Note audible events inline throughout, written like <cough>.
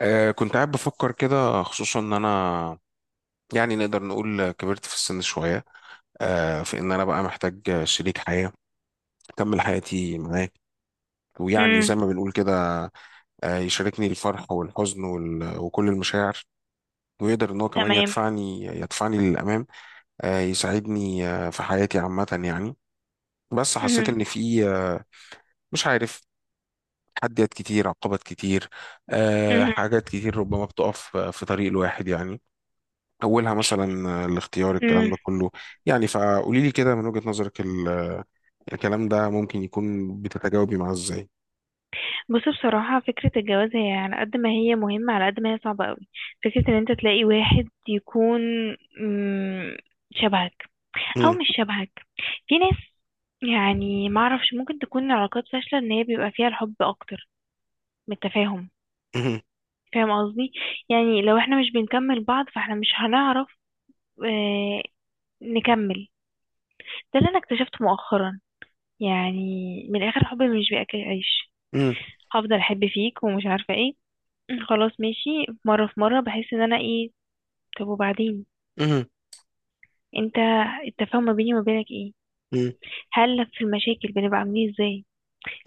كنت قاعد بفكر كده، خصوصا ان انا يعني نقدر نقول كبرت في السن شوية. في ان انا بقى محتاج شريك حياة اكمل حياتي معاه، ويعني امم. زي ما بنقول كده، يشاركني الفرح والحزن وكل المشاعر، ويقدر ان هو كمان تمام. يدفعني للامام، يساعدني في حياتي عامة يعني. بس حسيت امم. ان في مش عارف، تحديات كتير عقبات كتير، امم. حاجات كتير ربما بتقف في طريق الواحد يعني. أولها مثلا الاختيار، الكلام امم. ده كله. يعني فقولي لي كده من وجهة نظرك، الكلام ده ممكن يكون بتتجاوبي معاه إزاي؟ بص، بصراحة فكرة الجواز هي على قد ما هي مهمة على قد ما هي صعبة قوي. فكرة ان انت تلاقي واحد يكون مم، شبهك او مم، مش شبهك. في ناس، يعني ما اعرفش، ممكن تكون علاقات فاشلة ان هي بيبقى فيها الحب اكتر من التفاهم. مم، فاهم قصدي؟ يعني لو احنا مش بنكمل بعض فاحنا مش هنعرف آه نكمل. ده اللي انا اكتشفته مؤخرا، يعني من الاخر الحب مش بياكل عيش. مم، هفضل احب فيك ومش عارفه ايه. <clears throat> خلاص ماشي. مره في مره بحس ان انا ايه؟ طب وبعدين؟ مم، انت التفاهم ما بيني وما بينك ايه؟ مم، هل في المشاكل بنبقى عاملين إيه، ازاي؟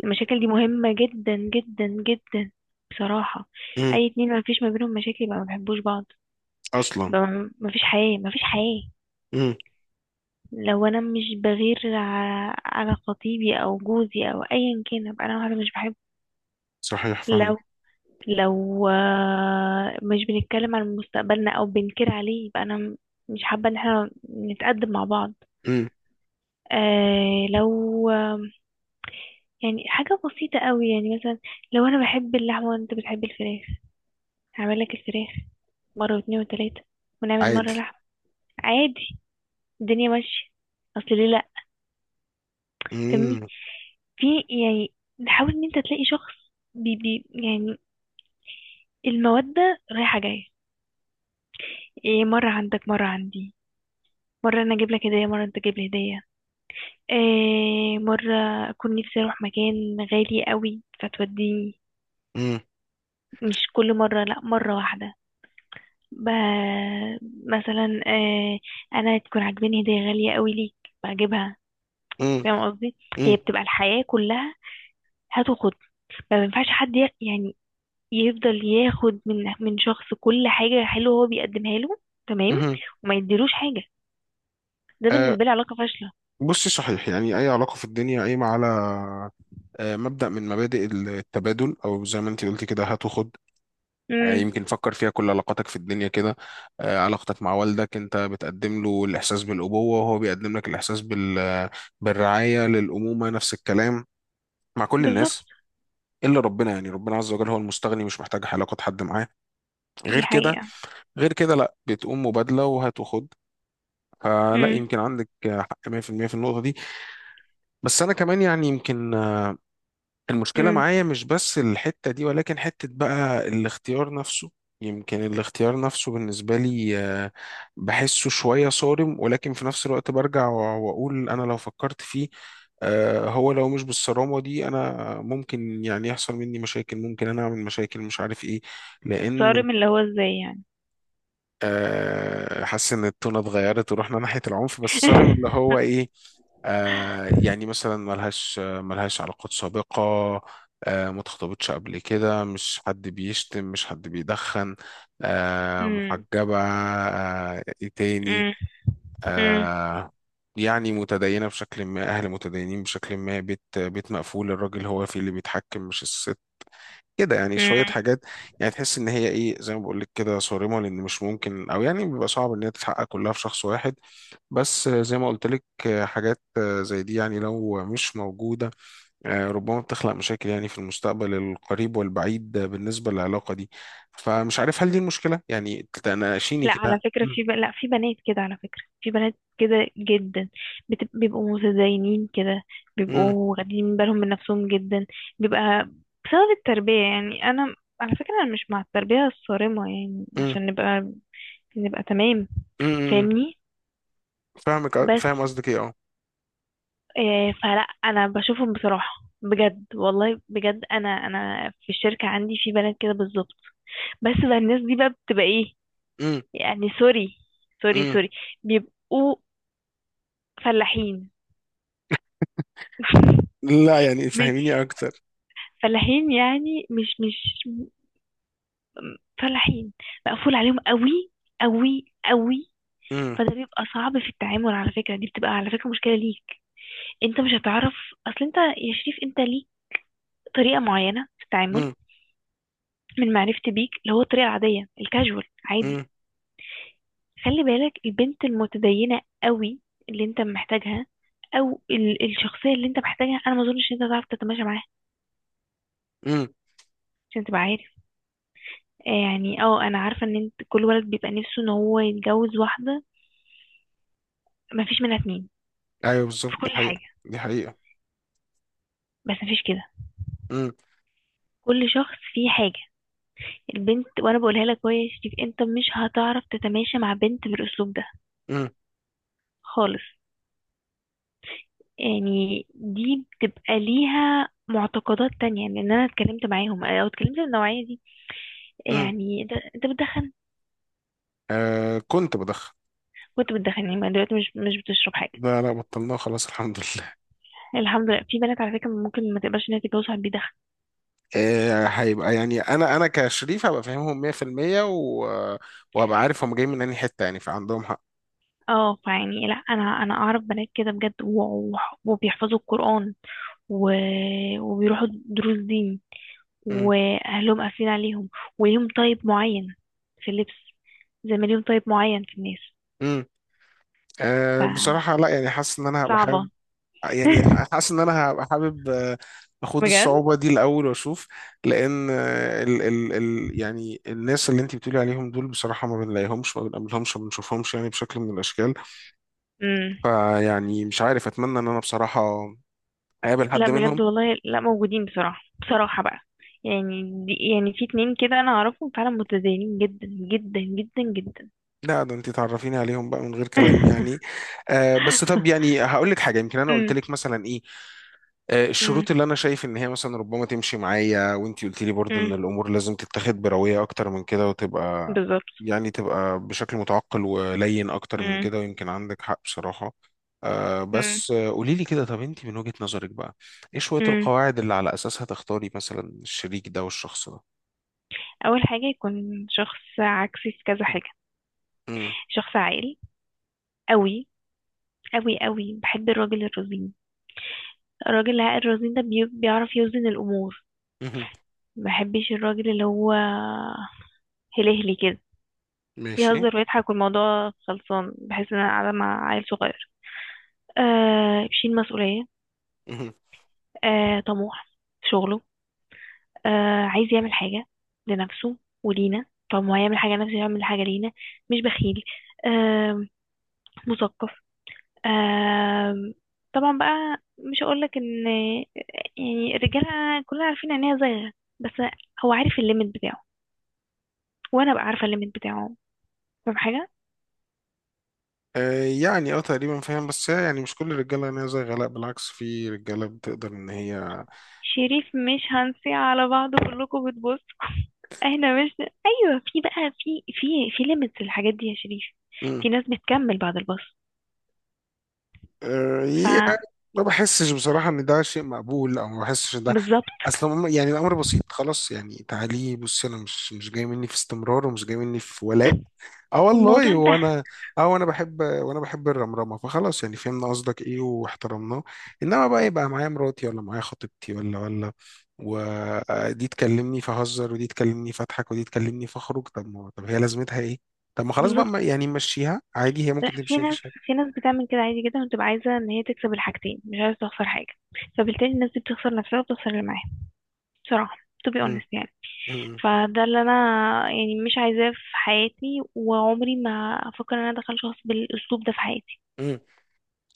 المشاكل دي مهمه جدا جدا جدا، بصراحه. مم. اي اتنين ما فيش ما بينهم مشاكل يبقى ما بيحبوش بعض، أصلا. يبقى ما فيش حياه، ما فيش حياه. مم، لو انا مش بغير على خطيبي او جوزي او ايا كان، ابقى انا واحده مش بحبه. صحيح فاهمة. لو لو مش بنتكلم عن مستقبلنا او بنكر عليه، يبقى انا مش حابة ان احنا نتقدم مع بعض. مم، آه لو آه يعني حاجة بسيطة قوي، يعني مثلا لو انا بحب اللحمة وانت بتحب الفراخ، هعمل لك الفراخ مرة واتنين وتلاتة ونعمل عادي. مرة لحمة، عادي، الدنيا ماشية، اصل ليه لا؟ فاهمني؟ مم، في، يعني نحاول ان انت تلاقي شخص بي بي يعني المودة رايحة جاية، إيه مرة عندك مرة عندي، مرة أنا أجيب لك هدية مرة أنت تجيب لي هدية، إيه مرة أكون نفسي أروح مكان غالي قوي فتوديني، مم، مش كل مرة، لأ مرة واحدة. ب... مثلا إيه، أنا تكون عاجباني هدية غالية قوي ليك بجيبها. مم، فاهم قصدي؟ مم، هي بتبقى الحياة كلها، هات وخد. ما بينفعش حد يعني يفضل ياخد من شخص كل حاجة حلوة هو بيقدمها له، تمام. مم. وما يديلوش حاجة، ده آه، بالنسبة لي علاقة فاشلة. بصي، صحيح، يعني أي علاقة في الدنيا قايمة على مبدأ من مبادئ التبادل، أو زي ما أنت قلتي كده، هات وخد. يعني امم. يمكن فكر فيها، كل علاقاتك في الدنيا كده. علاقتك مع والدك، انت بتقدم له الاحساس بالابوه، وهو بيقدم لك الاحساس بالرعايه للامومه، نفس الكلام مع كل بالظبط، الناس. الا ربنا، يعني ربنا عز وجل هو المستغني، مش محتاج علاقه حد معاه دي غير كده. حقيقة. غير كده لا، بتقوم مبادله وهات وخد. فلا، يمكن عندك حق 100% في المية، في النقطه دي. بس انا كمان يعني يمكن المشكلة امم. معايا مش بس الحتة دي، ولكن حتة بقى الاختيار نفسه. يمكن الاختيار نفسه بالنسبة لي بحسه شوية صارم، ولكن في نفس الوقت برجع وأقول أنا لو فكرت فيه هو لو مش بالصرامة دي، أنا ممكن يعني يحصل مني مشاكل، ممكن أنا أعمل مشاكل مش عارف إيه، لأن صارم اللي هو ازاي يعني؟ حاسس ان التونة اتغيرت ورحنا ناحية العنف. بس صارم اللي <laughs> هو ايه؟ يعني مثلا ملهاش علاقات سابقة، ما اتخطبتش قبل كده، مش حد بيشتم، مش حد بيدخن، امم. محجبة. ايه تاني؟ امم. امم. آه يعني متدينة بشكل ما، أهل متدينين بشكل ما، بيت بيت مقفول، الراجل هو فيه اللي بيتحكم مش الست. كده يعني شوية امم. حاجات. يعني تحس إن هي إيه، زي ما بقول لك كده، صارمة، لأن مش ممكن، أو يعني بيبقى صعب إن هي تتحقق كلها في شخص واحد. بس زي ما قلت لك، حاجات زي دي يعني لو مش موجودة، ربما بتخلق مشاكل يعني في المستقبل القريب والبعيد بالنسبة للعلاقة دي. فمش عارف، هل دي المشكلة يعني تناقشيني لا، على كده؟ فكرة مم. في لا في بنات كده، على فكرة في بنات كده جدا بيبقوا متدينين كده، مم. بيبقوا واخدين بالهم من نفسهم جدا، بيبقى بسبب التربية. يعني أنا على فكرة أنا مش مع التربية الصارمة، يعني عشان نبقى تمام. مم. مم. فاهمني؟ بس فاهم قصدك إيه، أه. إيه، فلا انا بشوفهم بصراحه بجد، والله بجد، انا في الشركه عندي في بنات كده بالظبط. بس بقى الناس دي بقى بتبقى ايه؟ مم. يعني سوري، سوري، مم. سوري، بيبقوا فلاحين. <laughs> لا يعني م- فهميني أكتر. فلاحين يعني، مش فلاحين، مقفول عليهم قوي، قوي قوي. مم. فده بيبقى صعب في التعامل، على فكره دي بتبقى على فكره مشكله ليك، انت مش هتعرف. اصل انت يا شريف انت ليك طريقه معينه في التعامل، مم. من معرفتي بيك، اللي هو الطريقة العادية الكاجوال، عادي. مم. خلي بالك، البنت المتدينة قوي اللي انت محتاجها، او الشخصية اللي انت محتاجها، انا ما اظنش ان انت تعرف تتماشى معاها، مم. عشان تبقى عارف. يعني انا عارفة ان انت كل ولد بيبقى نفسه ان هو يتجوز واحدة ما فيش منها اتنين ايوه بالظبط، في دي كل حقيقة حاجة، دي حقيقة. بس ما فيش كده، امم. كل شخص فيه حاجة. البنت، وانا بقولها لك اهو يا شريف، انت مش هتعرف تتماشى مع بنت بالاسلوب ده امم. خالص، يعني دي بتبقى ليها معتقدات تانية، يعني ان انا اتكلمت معاهم، او اتكلمت النوعية دي. امم. يعني انت بتدخن. كنت بدخن. وانت بتدخن يعني، ما دلوقتي مش بتشرب حاجة. لا لا، بطلناه خلاص الحمد لله. الحمد لله، في بنات على فكرة ممكن ما تقبلش ان هي تتجوز واحد بيدخن. هيبقى يعني، انا كشريف هبقى فاهمهم 100%، و... وهبقى عارف هم جايين من انهي حتة، يعني فعندهم حق. اه، فيعني لا، انا اعرف بنات كده بجد وبيحفظوا القرآن و... وبيروحوا دروس دين، امم. واهلهم قافلين عليهم، وليهم طيب معين في اللبس، زي ما ليهم طيب معين في الناس، امم. بصراحة لا، يعني حاسس ان انا هبقى حابب، فصعبة. يعني <laughs> حاسس ان انا هبقى حابب، اخد الصعوبة دي الاول واشوف. لان ال ال ال يعني الناس اللي انت بتقولي عليهم دول، بصراحة ما بنلاقيهمش ما بنقابلهمش ما بنشوفهمش يعني بشكل من الاشكال. بجد، فيعني مش عارف، اتمنى ان انا بصراحة اقابل لا حد منهم. بجد والله، لا موجودين، بصراحة، بصراحة بقى. يعني دي، يعني في اتنين كده انا اعرفهم فعلا متدينين جدا جدا جدا جدا. لا، ده انت تعرفيني عليهم بقى من غير كلام يعني. بس طب <laughs> يعني هقول لك حاجة، يمكن انا قلت امم. لك مثلا ايه، امم. الشروط اللي انا شايف ان هي مثلا ربما تمشي معايا، وانت قلت لي برضو ان امم. الامور لازم تتاخد بروية اكتر من كده وتبقى، بالظبط. يعني تبقى بشكل متعقل ولين اكتر من امم. كده، ويمكن عندك حق بصراحة. امم. بس قولي لي كده، طب انت من وجهة نظرك بقى، ايه شوية امم. القواعد اللي على اساسها تختاري مثلا الشريك ده والشخص ده؟ اول حاجة يكون شخص عكسي في كذا حاجة، شخص عاقل قوي، قوي قوي، بحب الراجل الرزين، الراجل العاقل الرزين ده بيعرف يوزن الامور. امم. ما بحبش الراجل اللي هو هلهلي كده، ماشي. يهزر ويضحك والموضوع خلصان، بحس ان انا قاعده مع عيل صغير. بيشيل مسؤوليه، مهم. طموح في شغله، عايز يعمل حاجه لنفسه ولينا، طب ما هو يعمل حاجه لنفسه يعمل حاجه لينا، مش بخيل، آه مثقف. آه طبعا بقى مش هقولك ان يعني الرجاله كلنا عارفين ان هي زيغه، بس هو عارف الليميت بتاعه، وانا بقى عارفه الليميت بتاعه، فاهم حاجه؟ يعني اه تقريبا فاهم، بس هي يعني مش كل الرجاله غنيه زي غلاء، بالعكس في رجاله بتقدر ان هي. شريف، مش هنسي على بعض كلكم بتبصوا، احنا مش، ايوه في بقى، في ليميتس للحاجات دي يا شريف. مم. في ناس بتكمل بعد الباص. ف يعني ما بحسش بصراحه ان ده شيء مقبول، او ما بحسش ان ده بالظبط، اصلا يعني الامر بسيط، خلاص يعني تعالي بصي، انا مش جاي مني في استمرار ومش جاي مني في ولاء. اه والموضوع والله، انتهى. وانا. اه وانا بحب، وانا بحب الرمرمه، فخلاص يعني فهمنا قصدك ايه واحترمناه. انما بقى يبقى معايا مراتي، ولا معايا خطيبتي، ولا ولا ودي تكلمني فهزر، ودي تكلمني فاضحك، ودي تكلمني فاخرج. طب ما، طب هي لازمتها ايه؟ طب ما خلاص بقى، بالظبط. يعني مشيها عادي هي لا، ممكن في تمشي ناس، مفيش حاجه. بتعمل كده عادي جدا، وتبقى عايزه ان هي تكسب الحاجتين، مش عايزه تخسر حاجه. فبالتالي الناس دي بتخسر نفسها وبتخسر اللي معاها، بصراحه، to be مم. honest يعني. مم. فده اللي انا يعني مش عايزاه في حياتي، وعمري ما افكر ان انا ادخل شخص بالاسلوب ده في حياتي. مم.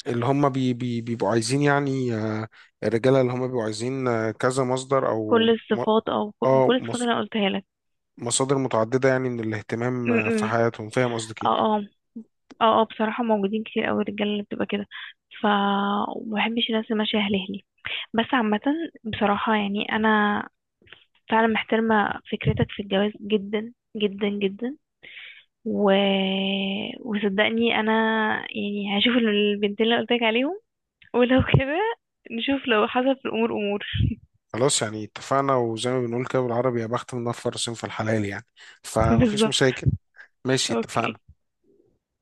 اللي هم بي بي بيبقوا عايزين يعني، الرجاله اللي هم بيبقوا عايزين كذا مصدر او كل الصفات، او اه كل الصفات اللي مص- انا قلتها لك. مصادر متعدده يعني من الاهتمام م- في م. حياتهم. فاهم قصدك إيه؟ اه اه، اه اه، بصراحة موجودين كتير قوي الرجالة اللي بتبقى كده، ف ومبحبش الناس اللي ماشية هلهلي، بس عامة بصراحة يعني أنا فعلا محترمة فكرتك في الجواز جدا جدا جدا. و... وصدقني أنا يعني هشوف البنتين اللي قلتلك عليهم، ولو كده نشوف لو حصل في الأمور أمور. خلاص يعني اتفقنا، وزي ما بنقول كده بالعربي، يا بخت من نفر في الحلال يعني، <laughs> فمفيش بالظبط. مشاكل. ماشي، اتفقنا. اوكي.